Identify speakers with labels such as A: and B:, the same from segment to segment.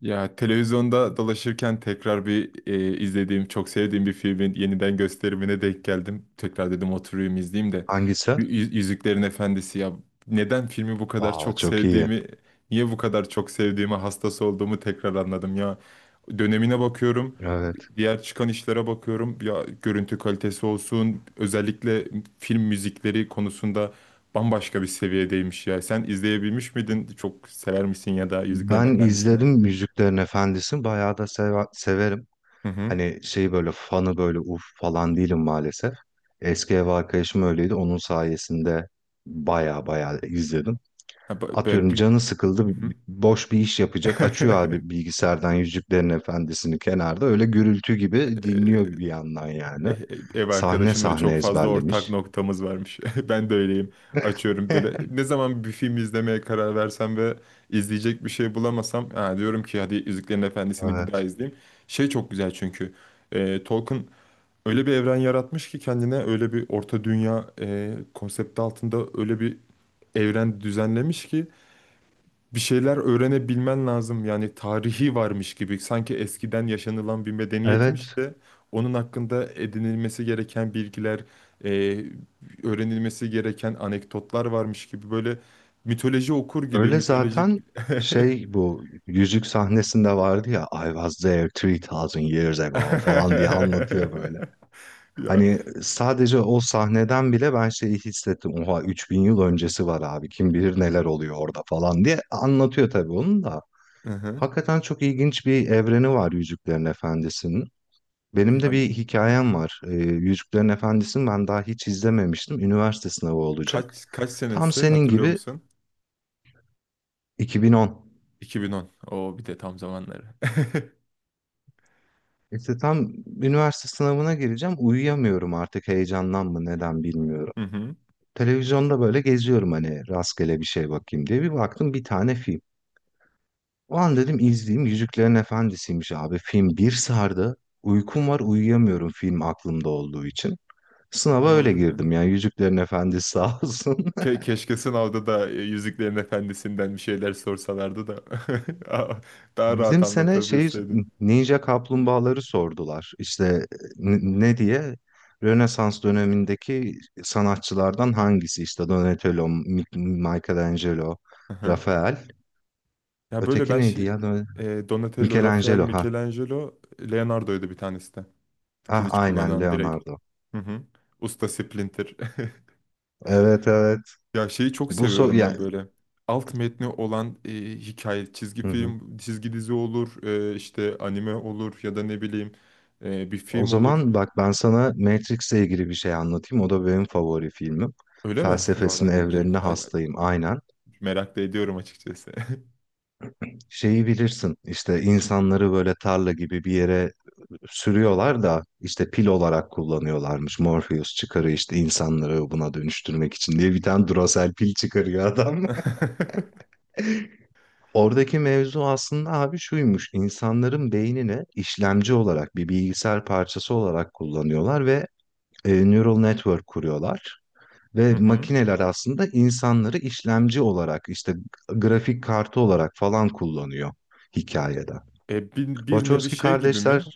A: Ya televizyonda dolaşırken tekrar izlediğim, çok sevdiğim bir filmin yeniden gösterimine denk geldim. Tekrar dedim oturayım izleyeyim de.
B: Hangisi?
A: Yüzüklerin Efendisi ya, neden filmi bu kadar
B: Aa
A: çok
B: çok iyi.
A: sevdiğimi, niye bu kadar çok sevdiğimi, hastası olduğumu tekrar anladım ya. Dönemine bakıyorum,
B: Evet.
A: diğer çıkan işlere bakıyorum. Ya görüntü kalitesi olsun, özellikle film müzikleri konusunda bambaşka bir seviyedeymiş ya. Sen izleyebilmiş miydin? Çok sever misin ya da Yüzüklerin
B: Ben
A: Efendisi'ni?
B: izledim Müziklerin Efendisi'ni. Bayağı da severim.
A: Hı hı.
B: Hani şey böyle fanı böyle uf falan değilim maalesef. Eski ev arkadaşım öyleydi. Onun sayesinde bayağı bayağı izledim.
A: Ha,
B: Atıyorum
A: bir...
B: canı sıkıldı.
A: Hı hı.
B: Boş bir iş yapacak. Açıyor abi bilgisayardan Yüzüklerin Efendisi'ni kenarda. Öyle gürültü gibi dinliyor bir yandan yani.
A: Ev
B: Sahne
A: arkadaşımla
B: sahne
A: çok fazla ortak
B: ezberlemiş.
A: noktamız varmış. Ben de öyleyim. Açıyorum böyle. Ne zaman bir film izlemeye karar versem ve izleyecek bir şey bulamasam, ha, diyorum ki hadi Yüzüklerin Efendisi'ni bir daha
B: Evet.
A: izleyeyim. Şey çok güzel çünkü. Tolkien öyle bir evren yaratmış ki kendine öyle bir orta dünya konsepti altında öyle bir evren düzenlemiş ki bir şeyler öğrenebilmen lazım. Yani tarihi varmış gibi sanki eskiden yaşanılan bir medeniyetmiş
B: Evet
A: de onun hakkında edinilmesi gereken bilgiler, e, öğrenilmesi gereken anekdotlar varmış gibi böyle mitoloji okur gibi
B: Öyle
A: mitolojik.
B: zaten, şey bu yüzük sahnesinde vardı ya, I was there 3000 years ago falan diye anlatıyor böyle.
A: Ya,
B: Hani sadece o sahneden bile ben şeyi hissettim. Oha 3000 yıl öncesi var abi, kim bilir neler oluyor orada falan diye anlatıyor tabii onun da.
A: hı hı.
B: Hakikaten çok ilginç bir evreni var Yüzüklerin Efendisi'nin. Benim de
A: Yani,
B: bir
A: hı.
B: hikayem var. Yüzüklerin Efendisi'ni ben daha hiç izlememiştim. Üniversite sınavı olacak.
A: Kaç
B: Tam
A: senesi
B: senin
A: hatırlıyor
B: gibi
A: musun?
B: 2010.
A: 2010. O bir de tam zamanları.
B: İşte tam üniversite sınavına gireceğim. Uyuyamıyorum artık, heyecandan mı neden bilmiyorum.
A: Hı hı.
B: Televizyonda böyle geziyorum hani rastgele bir şey bakayım diye. Bir baktım bir tane film. O an dedim izleyeyim. Yüzüklerin Efendisi'ymiş abi. Film bir sardı. Uykum var uyuyamıyorum film aklımda olduğu için.
A: Ne
B: Sınava öyle
A: oldu?
B: girdim yani Yüzüklerin Efendisi sağ olsun.
A: Keşke sınavda da Yüzüklerin Efendisi'nden bir şeyler sorsalardı da daha daha rahat
B: Bizim sene şey,
A: anlatabilseydim.
B: Ninja Kaplumbağaları sordular. İşte ne diye? Rönesans dönemindeki sanatçılardan hangisi? İşte Donatello, Michelangelo,
A: Aha.
B: Rafael.
A: Ya böyle
B: Öteki
A: ben
B: neydi ya?
A: şey, Donatello, Rafael,
B: Michelangelo ha.
A: Michelangelo, Leonardo'ydu bir tanesi de.
B: Ah
A: Kılıç
B: aynen
A: kullanan direkt.
B: Leonardo.
A: Hı hı. Usta Splinter.
B: Evet evet.
A: Ya şeyi çok
B: Bu so
A: seviyorum
B: ya,
A: ben böyle. Alt metni olan hikaye, çizgi
B: hı hı.
A: film, çizgi dizi olur, işte anime olur ya da ne bileyim, bir
B: O
A: film olur.
B: zaman bak ben sana Matrix'le ilgili bir şey anlatayım. O da benim favori filmim.
A: Öyle mi?
B: Felsefesine,
A: Valla dinlerim.
B: evrenine hastayım. Aynen.
A: Merak da ediyorum açıkçası.
B: Şeyi bilirsin işte, insanları böyle tarla gibi bir yere sürüyorlar da işte pil olarak kullanıyorlarmış. Morpheus çıkarıyor işte, insanları buna dönüştürmek için diye bir tane Duracell pil çıkarıyor adam. Oradaki mevzu aslında abi şuymuş. İnsanların beynini işlemci olarak, bir bilgisayar parçası olarak kullanıyorlar ve neural network kuruyorlar.
A: Hı
B: Ve
A: hı.
B: makineler aslında insanları işlemci olarak işte grafik kartı olarak falan kullanıyor hikayede.
A: E, bir, bir nevi
B: Wachowski
A: şey gibi
B: kardeşler.
A: mi?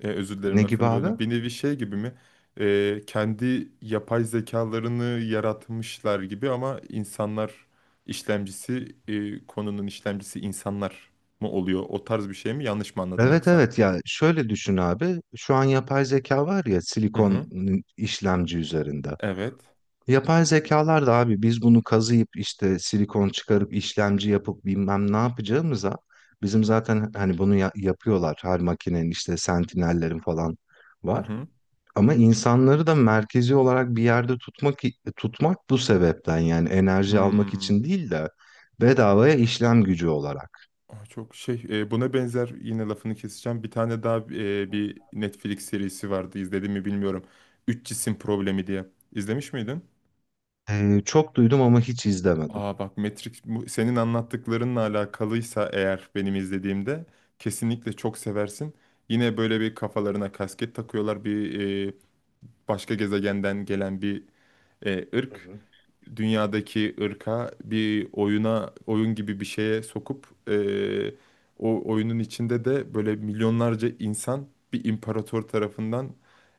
A: E, özür dilerim
B: Ne gibi
A: lafını
B: abi?
A: böldüm. Bir nevi şey gibi mi? E, kendi yapay zekalarını yaratmışlar gibi ama insanlar işlemcisi, konunun işlemcisi insanlar mı oluyor? O tarz bir şey mi? Yanlış mı anladım
B: Evet
A: yoksa?
B: evet, ya şöyle düşün abi. Şu an yapay zeka var ya
A: Hı
B: silikon,
A: hı.
B: işlemci üzerinde.
A: Evet.
B: Yapay zekalar da abi, biz bunu kazıyıp işte silikon çıkarıp işlemci yapıp bilmem ne yapacağımıza bizim zaten hani bunu yapıyorlar. Her makinenin işte sentinellerin falan
A: Hı
B: var.
A: hı.
B: Ama insanları da merkezi olarak bir yerde tutmak, bu sebepten yani, enerji almak
A: Hmm.
B: için değil de bedavaya işlem gücü olarak.
A: Aa, çok şey, buna benzer yine lafını keseceğim. Bir tane daha, bir Netflix serisi vardı, izledim mi bilmiyorum. Üç cisim problemi diye. İzlemiş miydin?
B: Çok duydum ama hiç izlemedim.
A: Aa bak, Matrix senin anlattıklarınla alakalıysa eğer, benim izlediğimde kesinlikle çok seversin. Yine böyle bir kafalarına kasket takıyorlar, bir, e, başka gezegenden gelen bir ırk dünyadaki ırka bir oyuna, oyun gibi bir şeye sokup, o oyunun içinde de böyle milyonlarca insan bir imparator tarafından,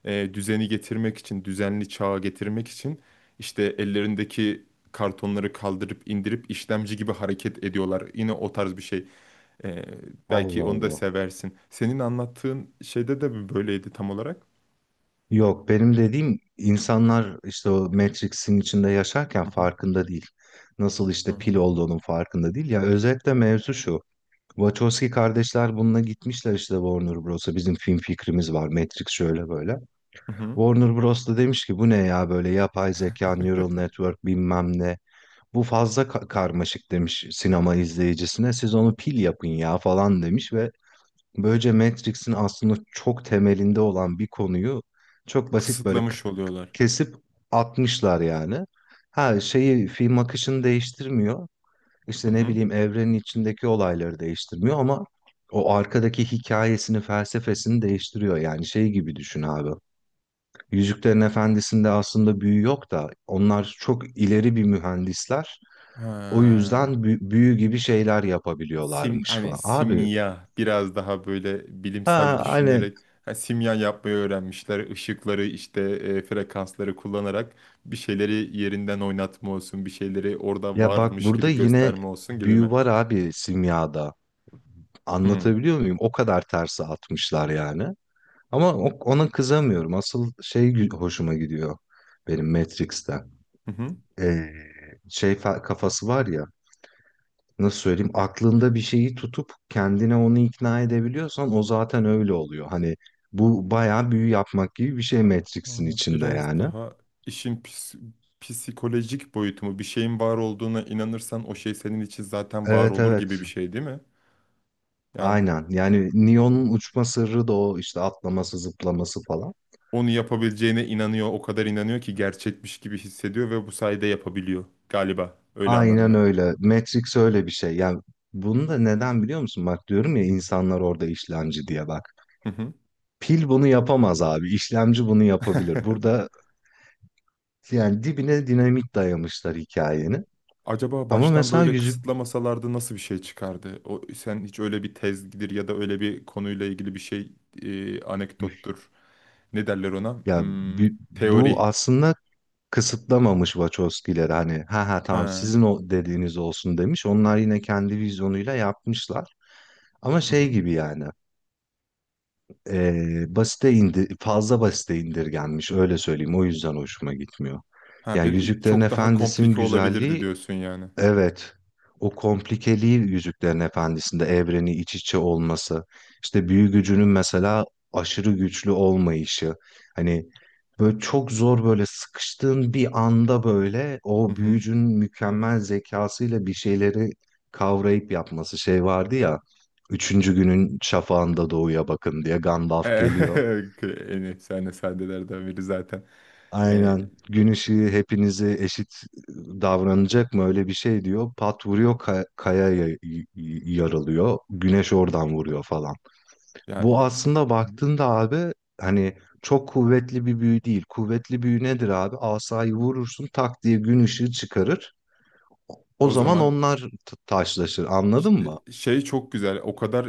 A: düzeni getirmek için, düzenli çağa getirmek için işte ellerindeki kartonları kaldırıp indirip işlemci gibi hareket ediyorlar. Yine o tarz bir şey. Eee, belki
B: Allah
A: onu da
B: Allah.
A: seversin. Senin anlattığın şeyde de mi böyleydi tam olarak?
B: Yok, benim dediğim insanlar işte o Matrix'in içinde yaşarken
A: Hı hı.
B: farkında değil. Nasıl
A: Hı
B: işte
A: hı.
B: pil olduğunun farkında değil. Ya özetle mevzu şu. Wachowski kardeşler bununla gitmişler işte Warner Bros'a. Bizim film fikrimiz var. Matrix şöyle böyle.
A: Hı hı.
B: Warner Bros da demiş ki bu ne ya, böyle yapay zeka, neural network bilmem ne. Bu fazla karmaşık demiş sinema izleyicisine. Siz onu pil yapın ya falan demiş, ve böylece Matrix'in aslında çok temelinde olan bir konuyu çok basit böyle
A: Kısıtlamış oluyorlar.
B: kesip atmışlar yani. Ha şeyi, film akışını değiştirmiyor. İşte ne bileyim evrenin içindeki olayları değiştirmiyor ama o arkadaki hikayesini, felsefesini değiştiriyor. Yani şey gibi düşün abi. Yüzüklerin Efendisi'nde aslında büyü yok da onlar çok ileri bir mühendisler. O yüzden
A: Ha,
B: büyü gibi şeyler
A: sim,
B: yapabiliyorlarmış
A: hani
B: falan. Abi
A: simya biraz daha böyle bilimsel
B: ha hani,
A: düşünerek, ha, simya yapmayı öğrenmişler. Işıkları işte, frekansları kullanarak bir şeyleri yerinden oynatma olsun, bir şeyleri orada
B: ya bak
A: varmış
B: burada
A: gibi
B: yine
A: gösterme olsun gibi
B: büyü
A: mi?
B: var abi simyada.
A: Hmm.
B: Anlatabiliyor muyum? O kadar terse atmışlar yani. Ama ona kızamıyorum. Asıl şey hoşuma gidiyor benim Matrix'te.
A: Hı hı.
B: Ee, Şey kafası var ya. Nasıl söyleyeyim? Aklında bir şeyi tutup kendine onu ikna edebiliyorsan o zaten öyle oluyor. Hani bu bayağı büyü yapmak gibi bir şey
A: Ha,
B: Matrix'in içinde
A: biraz
B: yani.
A: daha işin psikolojik boyutu mu? Bir şeyin var olduğuna inanırsan o şey senin için zaten var
B: Evet
A: olur gibi
B: evet.
A: bir şey değil mi? Yani
B: Aynen. Yani Neo'nun uçma sırrı da o işte, atlaması, zıplaması falan.
A: onu yapabileceğine inanıyor. O kadar inanıyor ki gerçekmiş gibi hissediyor ve bu sayede yapabiliyor galiba. Öyle anladım
B: Aynen
A: ben.
B: öyle. Matrix öyle bir şey. Yani bunu da neden biliyor musun? Bak diyorum ya, insanlar orada işlemci diye bak.
A: Hı hı.
B: Pil bunu yapamaz abi. İşlemci bunu yapabilir. Burada yani dibine dinamit dayamışlar hikayenin.
A: Acaba
B: Ama
A: baştan
B: mesela
A: böyle
B: yüzük,
A: kısıtlamasalardı nasıl bir şey çıkardı? O, sen hiç öyle bir tezgidir ya da öyle bir konuyla ilgili bir şey, anekdottur. Ne derler ona?
B: ya bu
A: Hmm, teori.
B: aslında kısıtlamamış Wachowski'leri hani, ha ha tamam
A: Ha.
B: sizin o dediğiniz olsun demiş. Onlar yine kendi vizyonuyla yapmışlar. Ama
A: Hı
B: şey
A: hı.
B: gibi yani, e, basite indi fazla basite indirgenmiş öyle söyleyeyim, o yüzden hoşuma gitmiyor.
A: Ha,
B: Yani
A: bir
B: Yüzüklerin
A: çok daha
B: Efendisi'nin
A: komplike olabilirdi
B: güzelliği.
A: diyorsun yani.
B: Evet. O komplikeliği, Yüzüklerin Efendisi'nde evreni iç içe olması, işte büyü gücünün mesela aşırı güçlü olmayışı, hani böyle çok zor, böyle sıkıştığın bir anda böyle
A: Hı
B: o
A: hı.
B: büyücünün mükemmel zekasıyla bir şeyleri kavrayıp yapması. Şey vardı ya, üçüncü günün şafağında doğuya bakın diye Gandalf geliyor.
A: En efsane sahnelerden biri zaten. Ee,
B: Aynen. Gün ışığı hepinize eşit davranacak mı? Öyle bir şey diyor. Pat vuruyor kaya yarılıyor. Güneş oradan vuruyor falan.
A: ya,
B: Bu aslında baktığında abi hani çok kuvvetli bir büyü değil. Kuvvetli büyü nedir abi? Asayı vurursun tak diye gün ışığı çıkarır. O
A: O
B: zaman
A: zaman
B: onlar taşlaşır. Anladın
A: işte
B: mı?
A: şey çok güzel. O kadar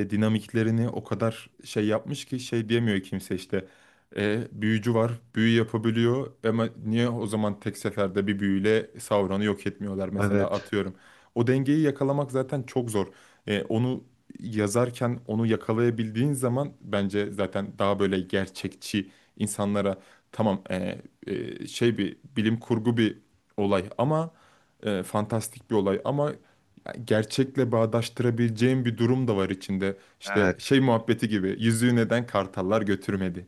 A: dinamiklerini o kadar şey yapmış ki, şey diyemiyor kimse işte. E, büyücü var, büyü yapabiliyor ama niye o zaman tek seferde bir büyüyle Sauron'u yok etmiyorlar mesela,
B: Evet.
A: atıyorum. O dengeyi yakalamak zaten çok zor. E, onu yazarken onu yakalayabildiğin zaman bence zaten daha böyle gerçekçi insanlara, tamam, şey, bir bilim kurgu bir olay ama fantastik bir olay ama gerçekle bağdaştırabileceğim bir durum da var içinde. İşte
B: Evet.
A: şey muhabbeti gibi, yüzüğü neden kartallar götürmedi?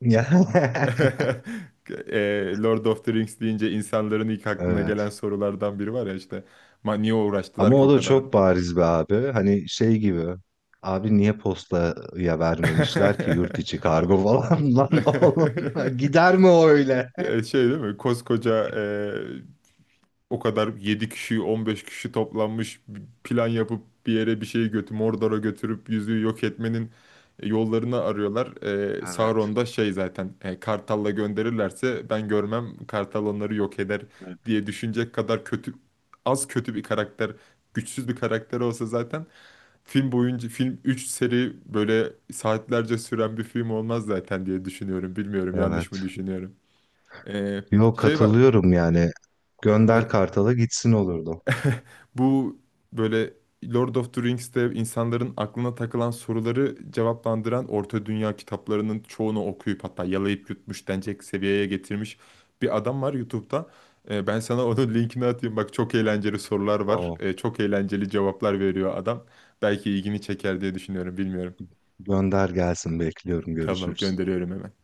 A: E, Lord of the Rings deyince insanların ilk aklına
B: Evet.
A: gelen sorulardan biri var ya işte, "Ma niye uğraştılar
B: Ama
A: ki
B: o
A: o
B: da
A: kadar?
B: çok bariz be abi. Hani şey gibi. Abi niye postaya vermemişler ki, yurt içi kargo falan lan oğlum. Gider mi o öyle?
A: Ya şey değil mi? Koskoca, o kadar 7 kişi 15 kişi toplanmış bir plan yapıp bir yere bir şey götür, Mordor'a götürüp yüzüğü yok etmenin yollarını arıyorlar.
B: Evet.
A: Sauron da şey zaten, Kartal'la gönderirlerse ben görmem, Kartal onları yok eder
B: Evet.
A: diye düşünecek kadar kötü, az kötü bir karakter, güçsüz bir karakter olsa zaten film boyunca, film 3 seri böyle saatlerce süren bir film olmaz zaten diye düşünüyorum. Bilmiyorum, yanlış
B: Evet.
A: mı düşünüyorum. Ee,
B: Yok,
A: şey var.
B: katılıyorum yani. Gönder
A: e,
B: Kartal'a gitsin olurdu.
A: Bu böyle Lord of the Rings'te insanların aklına takılan soruları cevaplandıran, Orta Dünya kitaplarının çoğunu okuyup hatta yalayıp yutmuş denecek seviyeye getirmiş bir adam var YouTube'da. Ben sana onun linkini atayım. Bak, çok eğlenceli sorular var.
B: Tamam.
A: Çok eğlenceli cevaplar veriyor adam. Belki ilgini çeker diye düşünüyorum, bilmiyorum.
B: Gönder gelsin bekliyorum,
A: Tamam,
B: görüşürüz.
A: gönderiyorum hemen.